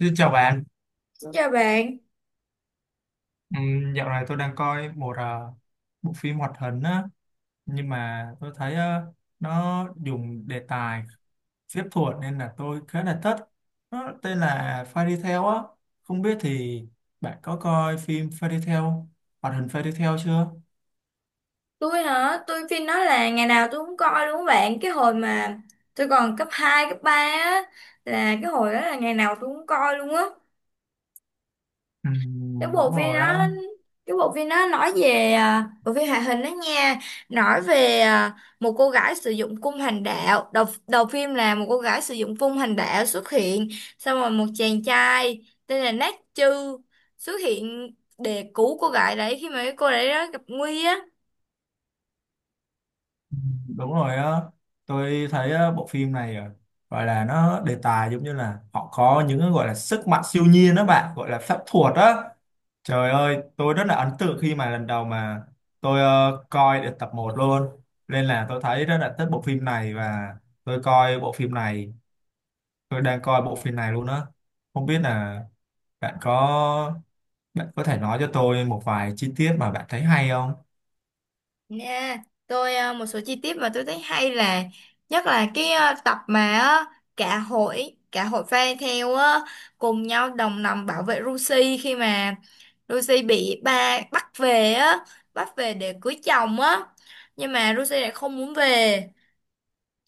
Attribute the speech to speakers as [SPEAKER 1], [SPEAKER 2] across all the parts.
[SPEAKER 1] Xin chào bạn.
[SPEAKER 2] Chào bạn,
[SPEAKER 1] Dạo này tôi đang coi một bộ phim hoạt hình á, nhưng mà tôi thấy nó dùng đề tài phép thuật nên là tôi khá là thích. Nó tên là Fairy Tail á, không biết thì bạn có coi phim Fairy Tail, hoạt hình Fairy Tail chưa?
[SPEAKER 2] tôi hả? Tôi phim nói là ngày nào tôi cũng coi đúng không bạn? Cái hồi mà tôi còn cấp 2, cấp 3 á là cái hồi đó là ngày nào tôi cũng coi luôn á. Cái bộ
[SPEAKER 1] Đúng
[SPEAKER 2] phim
[SPEAKER 1] rồi á.
[SPEAKER 2] đó cái bộ phim đó nói về bộ phim hoạt hình đó nha, nói về một cô gái sử dụng cung hành đạo. Đầu đầu phim là một cô gái sử dụng cung hành đạo xuất hiện, xong rồi một chàng trai tên là Nát Chư xuất hiện để cứu cô gái đấy khi mà cái cô đấy đó gặp nguy á.
[SPEAKER 1] Ừm, đúng rồi á, tôi thấy bộ phim này gọi là nó đề tài giống như là họ có những cái gọi là sức mạnh siêu nhiên đó bạn, gọi là phép thuật á. Trời ơi, tôi rất là ấn tượng khi mà lần đầu mà tôi coi được tập một luôn. Nên là tôi thấy rất là thích bộ phim này và tôi coi bộ phim này, tôi đang coi bộ phim này luôn á. Không biết là bạn có bạn có thể nói cho tôi một vài chi tiết mà bạn thấy hay không?
[SPEAKER 2] Nha, tôi một số chi tiết mà tôi thấy hay là nhất là cái tập mà cả hội fan theo cùng nhau đồng lòng bảo vệ Lucy khi mà Lucy bị ba bắt về á, bắt về để cưới chồng á. Nhưng mà Lucy lại không muốn về,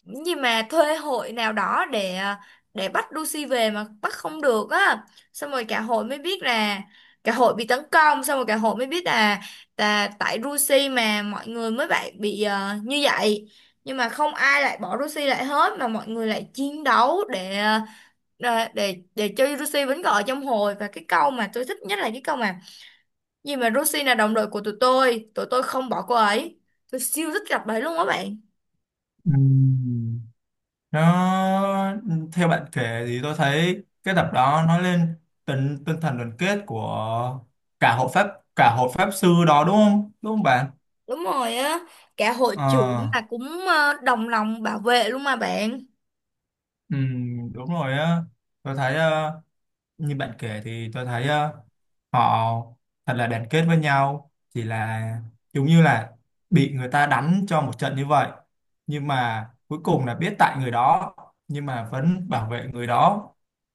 [SPEAKER 2] nhưng mà thuê hội nào đó để để bắt Lucy về mà bắt không được á, xong rồi cả hội mới biết là cả hội bị tấn công, xong rồi cả hội mới biết là tại Lucy mà mọi người mới bị như vậy, nhưng mà không ai lại bỏ Lucy lại hết mà mọi người lại chiến đấu để để cho Lucy vẫn còn ở trong hội. Và cái câu mà tôi thích nhất là cái câu mà gì mà Lucy là đồng đội của tụi tôi, tụi tôi không bỏ cô ấy. Tôi siêu thích gặp đấy luôn á bạn.
[SPEAKER 1] Ừm. Nó theo bạn kể thì tôi thấy cái tập đó nói lên tinh tinh thần đoàn kết của cả hộ pháp cả hộ pháp sư đó, đúng không? Đúng không bạn?
[SPEAKER 2] Đúng rồi á, cả hội trưởng
[SPEAKER 1] Ờ.
[SPEAKER 2] là cũng đồng lòng bảo vệ luôn mà bạn.
[SPEAKER 1] Ừ, đúng rồi á, tôi thấy như bạn kể thì tôi thấy họ thật là đoàn kết với nhau, chỉ là giống như là bị người ta đánh cho một trận như vậy, nhưng mà cuối cùng là biết tại người đó nhưng mà vẫn bảo vệ người đó,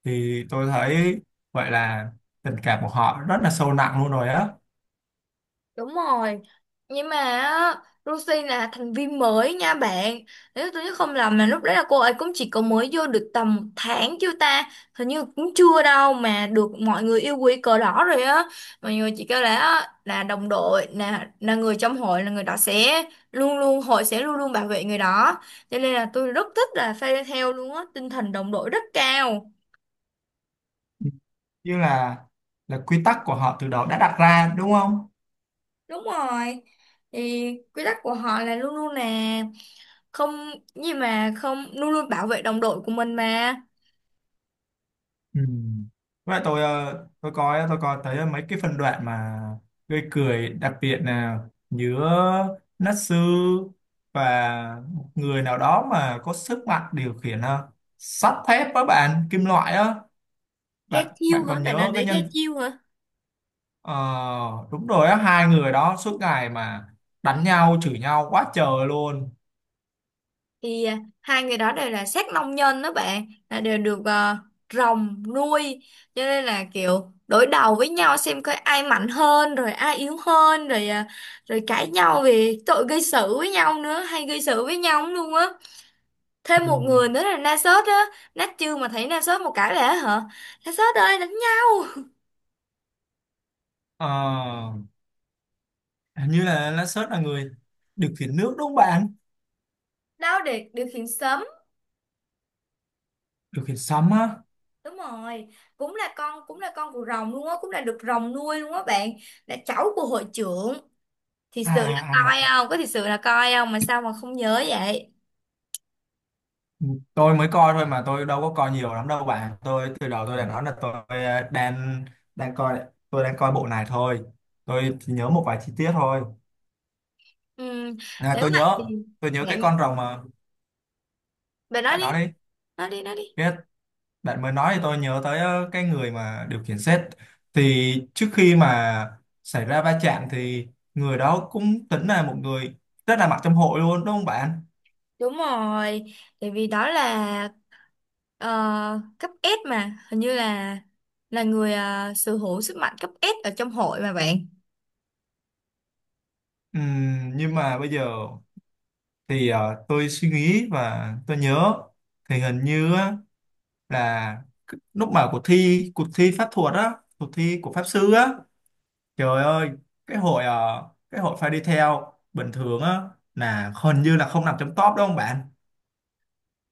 [SPEAKER 1] thì tôi thấy vậy là tình cảm của họ rất là sâu nặng luôn rồi á,
[SPEAKER 2] Đúng rồi, nhưng mà á, Rosie là thành viên mới nha bạn. Nếu tôi nhớ không lầm mà lúc đấy là cô ấy cũng chỉ có mới vô được tầm 1 tháng chưa ta. Hình như cũng chưa đâu mà được mọi người yêu quý cờ đỏ rồi á. Mọi người chỉ kêu là á, là đồng đội, là người trong hội là người đó sẽ luôn luôn hội sẽ luôn luôn bảo vệ người đó. Cho nên là tôi rất thích là phe theo luôn á, tinh thần đồng đội rất cao.
[SPEAKER 1] như là quy tắc của họ từ đầu đã đặt ra, đúng không.
[SPEAKER 2] Đúng rồi. Thì quy tắc của họ là luôn luôn là không, gì mà không luôn luôn bảo vệ đồng đội của mình mà.
[SPEAKER 1] Ừ. Vậy tôi có thấy mấy cái phân đoạn mà gây cười, đặc biệt là nhớ Natsu và một người nào đó mà có sức mạnh điều khiển sắt thép với bạn, kim loại á.
[SPEAKER 2] Cái
[SPEAKER 1] bạn
[SPEAKER 2] chiêu
[SPEAKER 1] bạn
[SPEAKER 2] hả?
[SPEAKER 1] còn
[SPEAKER 2] Bạn nói
[SPEAKER 1] nhớ cái
[SPEAKER 2] đấy cái
[SPEAKER 1] nhân
[SPEAKER 2] chiêu hả?
[SPEAKER 1] ờ, đúng rồi á, hai người đó suốt ngày mà đánh nhau, chửi nhau quá trời luôn.
[SPEAKER 2] Thì hai người đó đều là sát nông nhân đó bạn, là đều được rồng nuôi, cho nên là kiểu đối đầu với nhau xem coi ai mạnh hơn rồi ai yếu hơn, rồi rồi cãi nhau về tội gây sự với nhau nữa, hay gây sự với nhau lắm luôn á. Thêm một
[SPEAKER 1] Ừ.
[SPEAKER 2] người nữa là Nasus á. Nát chưa mà thấy Nasus một cái lẽ hả, Nasus ơi đánh nhau,
[SPEAKER 1] Ờ, hình như là Natsu là người điều khiển nước, đúng không bạn,
[SPEAKER 2] đau để điều khiển sớm,
[SPEAKER 1] điều khiển sấm á.
[SPEAKER 2] đúng rồi. Cũng là con của rồng luôn á, cũng là được rồng nuôi luôn á bạn, là cháu của hội trưởng. Thì sự là
[SPEAKER 1] À, à,
[SPEAKER 2] coi
[SPEAKER 1] à.
[SPEAKER 2] không có, thì sự là coi không mà sao mà không nhớ vậy.
[SPEAKER 1] Ừ, tôi mới coi thôi mà tôi đâu có coi nhiều lắm đâu bạn, tôi từ đầu tôi đã nói là tôi ờ, đang đang coi, tôi đang coi bộ này thôi, tôi chỉ nhớ một vài chi tiết thôi.
[SPEAKER 2] Ừ,
[SPEAKER 1] À,
[SPEAKER 2] nếu
[SPEAKER 1] tôi
[SPEAKER 2] vậy
[SPEAKER 1] nhớ
[SPEAKER 2] thì
[SPEAKER 1] tôi nhớ cái
[SPEAKER 2] bạn,
[SPEAKER 1] con rồng mà
[SPEAKER 2] bạn nói
[SPEAKER 1] bạn
[SPEAKER 2] đi
[SPEAKER 1] nói đi,
[SPEAKER 2] nói đi nói đi.
[SPEAKER 1] biết bạn mới nói thì tôi nhớ tới cái người mà điều khiển xe, thì trước khi mà xảy ra va chạm thì người đó cũng tính là một người rất là mặc trong hội luôn, đúng không bạn.
[SPEAKER 2] Đúng rồi, tại vì đó là ờ, cấp S mà, hình như là người sở hữu sức mạnh cấp S ở trong hội mà bạn.
[SPEAKER 1] Nhưng mà bây giờ thì tôi suy nghĩ và tôi nhớ thì hình như á, là lúc mở cuộc thi pháp thuật á, cuộc thi của pháp sư á, trời ơi, cái hội phải đi theo bình thường á, là hình như là không nằm trong top, đúng không bạn.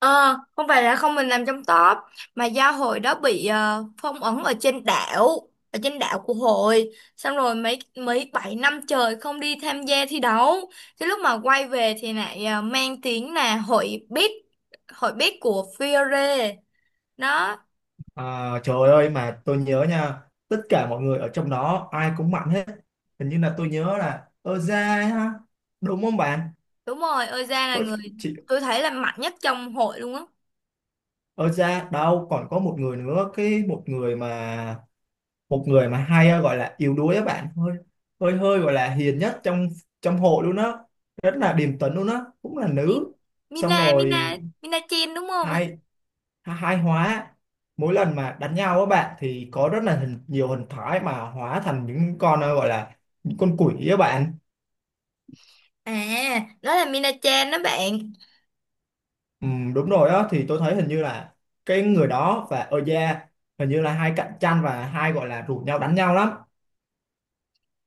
[SPEAKER 2] Ờ, không phải là không mình làm trong top, mà do hội đó bị phong ấn ở trên đảo của hội, xong rồi mấy mấy 7 năm trời không đi tham gia thi đấu. Cái lúc mà quay về thì lại mang tiếng là hội biết của Fiore. Nó...
[SPEAKER 1] À, trời ơi mà tôi nhớ nha, tất cả mọi người ở trong đó ai cũng mạnh hết, hình như là tôi nhớ là Oza ha, đúng không bạn?
[SPEAKER 2] Đúng rồi, Oza là
[SPEAKER 1] Có
[SPEAKER 2] người
[SPEAKER 1] chị
[SPEAKER 2] tôi thấy là mạnh nhất trong hội luôn á.
[SPEAKER 1] Oza, đâu còn có một người nữa, cái một người mà hay gọi là yếu đuối á bạn, hơi hơi hơi gọi là hiền nhất trong trong hội luôn á, rất là điềm tĩnh luôn á, cũng là
[SPEAKER 2] Min-
[SPEAKER 1] nữ. Xong
[SPEAKER 2] Mina, Mina,
[SPEAKER 1] rồi
[SPEAKER 2] Mina Chen đúng không?
[SPEAKER 1] hai hai hóa, mỗi lần mà đánh nhau á bạn thì có rất là nhiều hình thái mà hóa thành những con gọi là những con quỷ á bạn.
[SPEAKER 2] À, đó là Mina Chen đó bạn.
[SPEAKER 1] Ừ, đúng rồi á, thì tôi thấy hình như là cái người đó và Oja hình như là hai cạnh tranh và hai gọi là rủ nhau đánh nhau lắm.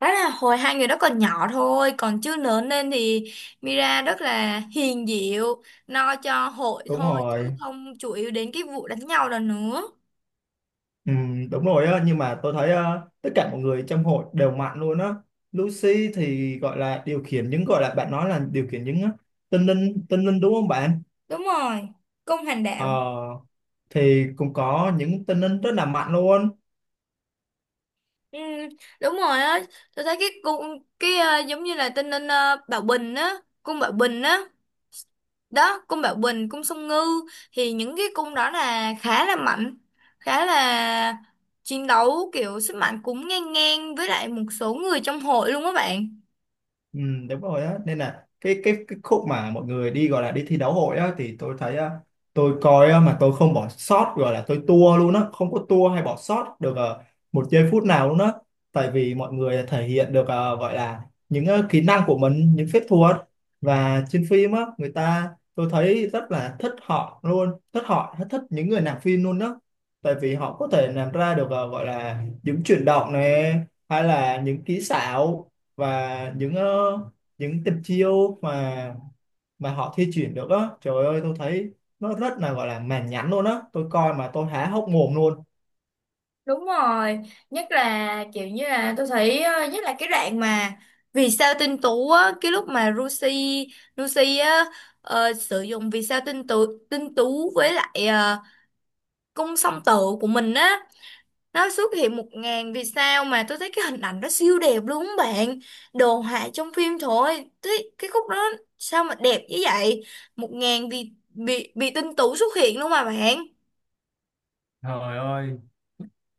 [SPEAKER 2] Đó là hồi hai người đó còn nhỏ thôi, còn chưa lớn lên thì Mira rất là hiền dịu, lo cho hội
[SPEAKER 1] Đúng
[SPEAKER 2] thôi chứ
[SPEAKER 1] rồi.
[SPEAKER 2] không chủ yếu đến cái vụ đánh nhau đó nữa.
[SPEAKER 1] Ừ, đúng rồi á, nhưng mà tôi thấy tất cả mọi người trong hội đều mạnh luôn á. Lucy thì gọi là điều khiển những, gọi là bạn nói là điều khiển những tinh linh, đúng không bạn.
[SPEAKER 2] Đúng rồi, công hành
[SPEAKER 1] ờ,
[SPEAKER 2] đạo.
[SPEAKER 1] thì cũng có những tinh linh rất là mạnh luôn.
[SPEAKER 2] Ừ, đúng rồi á, tôi thấy cái cung, cái giống như là tên nên Bảo Bình á, cung Bảo Bình á, đó cung Bảo Bình, cung Song Ngư, thì những cái cung đó là khá là mạnh, khá là chiến đấu kiểu sức mạnh cũng ngang ngang với lại một số người trong hội luôn á bạn.
[SPEAKER 1] Ừ, đúng rồi á, nên là cái khúc mà mọi người đi, gọi là đi thi đấu hội á, thì tôi thấy á, tôi coi á, mà tôi không bỏ sót, gọi là tôi tua luôn á, không có tua hay bỏ sót được một giây phút nào luôn á, tại vì mọi người thể hiện được gọi là những kỹ năng của mình, những phép thuật, và trên phim á người ta, tôi thấy rất là thích họ luôn, thích họ, thích những người làm phim luôn đó, tại vì họ có thể làm ra được gọi là những chuyển động này, hay là những kỹ xảo, và những tình chiêu mà họ thi chuyển được á, trời ơi tôi thấy nó rất là, gọi là mãn nhãn luôn á, tôi coi mà tôi há hốc mồm luôn.
[SPEAKER 2] Đúng rồi, nhất là kiểu như là tôi thấy nhất là cái đoạn mà vì sao tinh tú á, cái lúc mà Lucy, Lucy á sử dụng vì sao tinh tú, với lại cung song tử của mình á, nó xuất hiện 1.000 vì sao mà tôi thấy cái hình ảnh đó siêu đẹp luôn á bạn, đồ họa trong phim thôi thấy cái khúc đó sao mà đẹp như vậy, 1.000 vì bị tinh tú xuất hiện luôn mà bạn.
[SPEAKER 1] Trời ơi,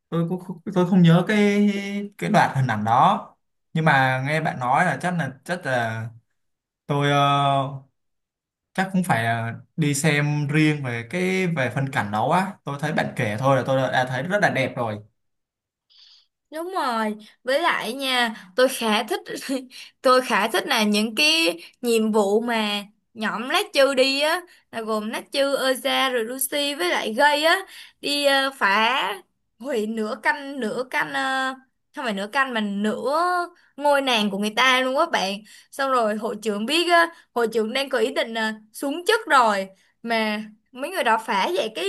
[SPEAKER 1] tôi cũng không, tôi không nhớ cái đoạn hình ảnh đó. Nhưng mà nghe bạn nói là chắc là tôi, chắc cũng phải đi xem riêng về về phân cảnh đó á. Tôi thấy bạn kể thôi là tôi đã thấy rất là đẹp rồi.
[SPEAKER 2] Đúng rồi, với lại nha, tôi khá thích tôi khá thích là những cái nhiệm vụ mà nhóm lát chư đi á, là gồm lát chư, Eza rồi Lucy với lại Gây á, đi phá hủy nửa canh, không phải nửa canh mà nửa ngôi nàng của người ta luôn á bạn. Xong rồi hội trưởng biết á, hội trưởng đang có ý định xuống chức rồi mà mấy người đó phá vậy, cái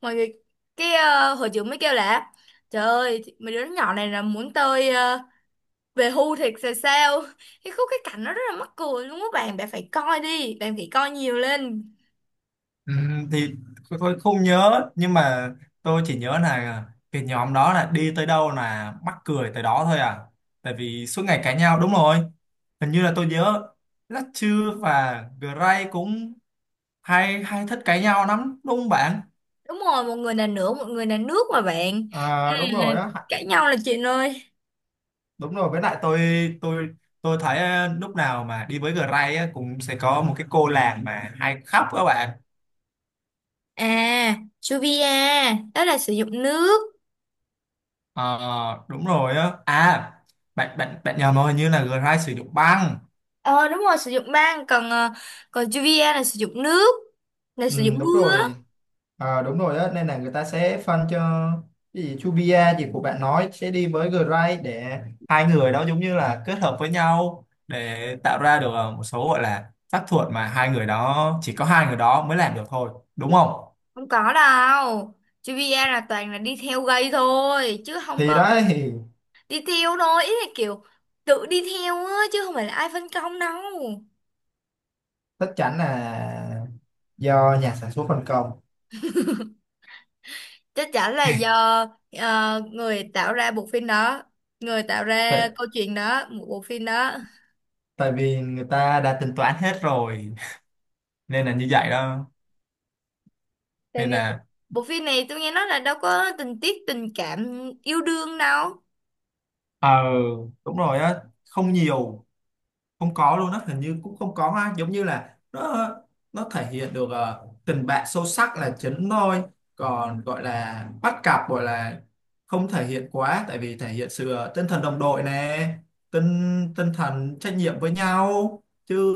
[SPEAKER 2] mọi người, cái hội trưởng mới kêu là: Trời ơi, thì- mấy đứa nhỏ này là muốn tôi về hưu thiệt rồi sao? Cái khúc cái cảnh nó rất là mắc cười luôn á bạn, bạn phải coi đi, bạn phải coi nhiều lên.
[SPEAKER 1] Ừ, thì tôi không nhớ nhưng mà tôi chỉ nhớ là cái nhóm đó là đi tới đâu là mắc cười tới đó thôi à, tại vì suốt ngày cãi nhau, đúng rồi, hình như là tôi nhớ Latchu và Gray cũng hay hay thích cãi nhau lắm, đúng không bạn.
[SPEAKER 2] Đúng rồi, một người là nửa, một người là nước mà bạn. Ừ,
[SPEAKER 1] À, đúng
[SPEAKER 2] là
[SPEAKER 1] rồi á,
[SPEAKER 2] cãi nhau là chuyện ơi.
[SPEAKER 1] đúng rồi, với lại tôi tôi thấy lúc nào mà đi với Gray á cũng sẽ có một cái cô làng mà hay khóc các bạn.
[SPEAKER 2] À, Juvia, đó là sử dụng nước.
[SPEAKER 1] Ờ, đúng rồi á. À bạn bạn bạn nhầm rồi, hình như là Gray sử dụng băng.
[SPEAKER 2] Ờ đúng rồi, sử dụng băng, còn còn Juvia là sử dụng nước, là
[SPEAKER 1] Ừ,
[SPEAKER 2] sử dụng
[SPEAKER 1] đúng
[SPEAKER 2] mưa.
[SPEAKER 1] rồi. Ờ, đúng rồi á, nên là người ta sẽ phân cho, cái gì Chubia gì của bạn nói, sẽ đi với Gray để hai người đó giống như là kết hợp với nhau để tạo ra được một số gọi là phép thuật mà hai người đó, chỉ có hai người đó mới làm được thôi, đúng không.
[SPEAKER 2] Không có đâu. Juvia là toàn là đi theo gây thôi, chứ không
[SPEAKER 1] Thì
[SPEAKER 2] có,
[SPEAKER 1] đó thì
[SPEAKER 2] đi theo thôi, ý là kiểu tự đi theo á chứ không phải là ai phân công đâu.
[SPEAKER 1] chắc chắn là do nhà sản xuất phân công,
[SPEAKER 2] Chắc chắn là do người tạo ra bộ phim đó, người tạo ra
[SPEAKER 1] tại,
[SPEAKER 2] câu chuyện đó, một bộ phim đó.
[SPEAKER 1] tại vì người ta đã tính toán hết rồi nên là như vậy đó.
[SPEAKER 2] Tại
[SPEAKER 1] Nên
[SPEAKER 2] vì
[SPEAKER 1] là
[SPEAKER 2] bộ phim này tôi nghe nói là đâu có tình tiết tình cảm yêu đương đâu.
[SPEAKER 1] ờ đúng rồi á, không nhiều, không có luôn á, hình như cũng không có ha, giống như là nó thể hiện được tình bạn sâu sắc là chính thôi, còn gọi là bắt cặp, gọi là không thể hiện quá, tại vì thể hiện sự tinh thần đồng đội nè, tinh tinh thần trách nhiệm với nhau chứ,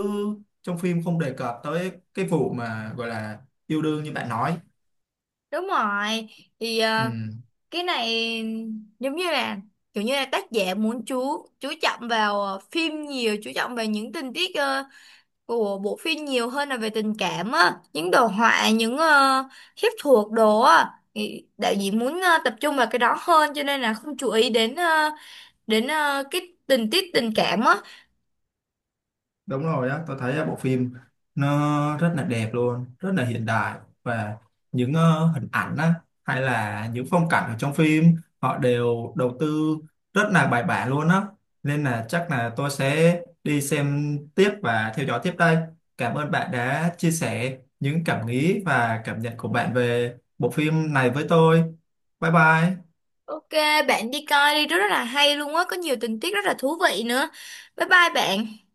[SPEAKER 1] trong phim không đề cập tới cái vụ mà gọi là yêu đương như bạn nói.
[SPEAKER 2] Đúng rồi, thì
[SPEAKER 1] Ừ.
[SPEAKER 2] cái này giống như là kiểu như là tác giả muốn chú trọng vào phim, nhiều chú trọng vào những tình tiết của bộ phim nhiều hơn là về tình cảm á, những đồ họa, những phép thuật đồ á, thì đạo diễn muốn tập trung vào cái đó hơn cho nên là không chú ý đến đến cái tình tiết tình cảm á.
[SPEAKER 1] Đúng rồi á, tôi thấy bộ phim nó rất là đẹp luôn, rất là hiện đại, và những hình ảnh á, hay là những phong cảnh ở trong phim họ đều đầu tư rất là bài bản luôn á. Nên là chắc là tôi sẽ đi xem tiếp và theo dõi tiếp đây. Cảm ơn bạn đã chia sẻ những cảm nghĩ và cảm nhận của bạn về bộ phim này với tôi. Bye bye.
[SPEAKER 2] Ok, bạn đi coi đi, rất là hay luôn á, có nhiều tình tiết rất là thú vị nữa. Bye bye bạn.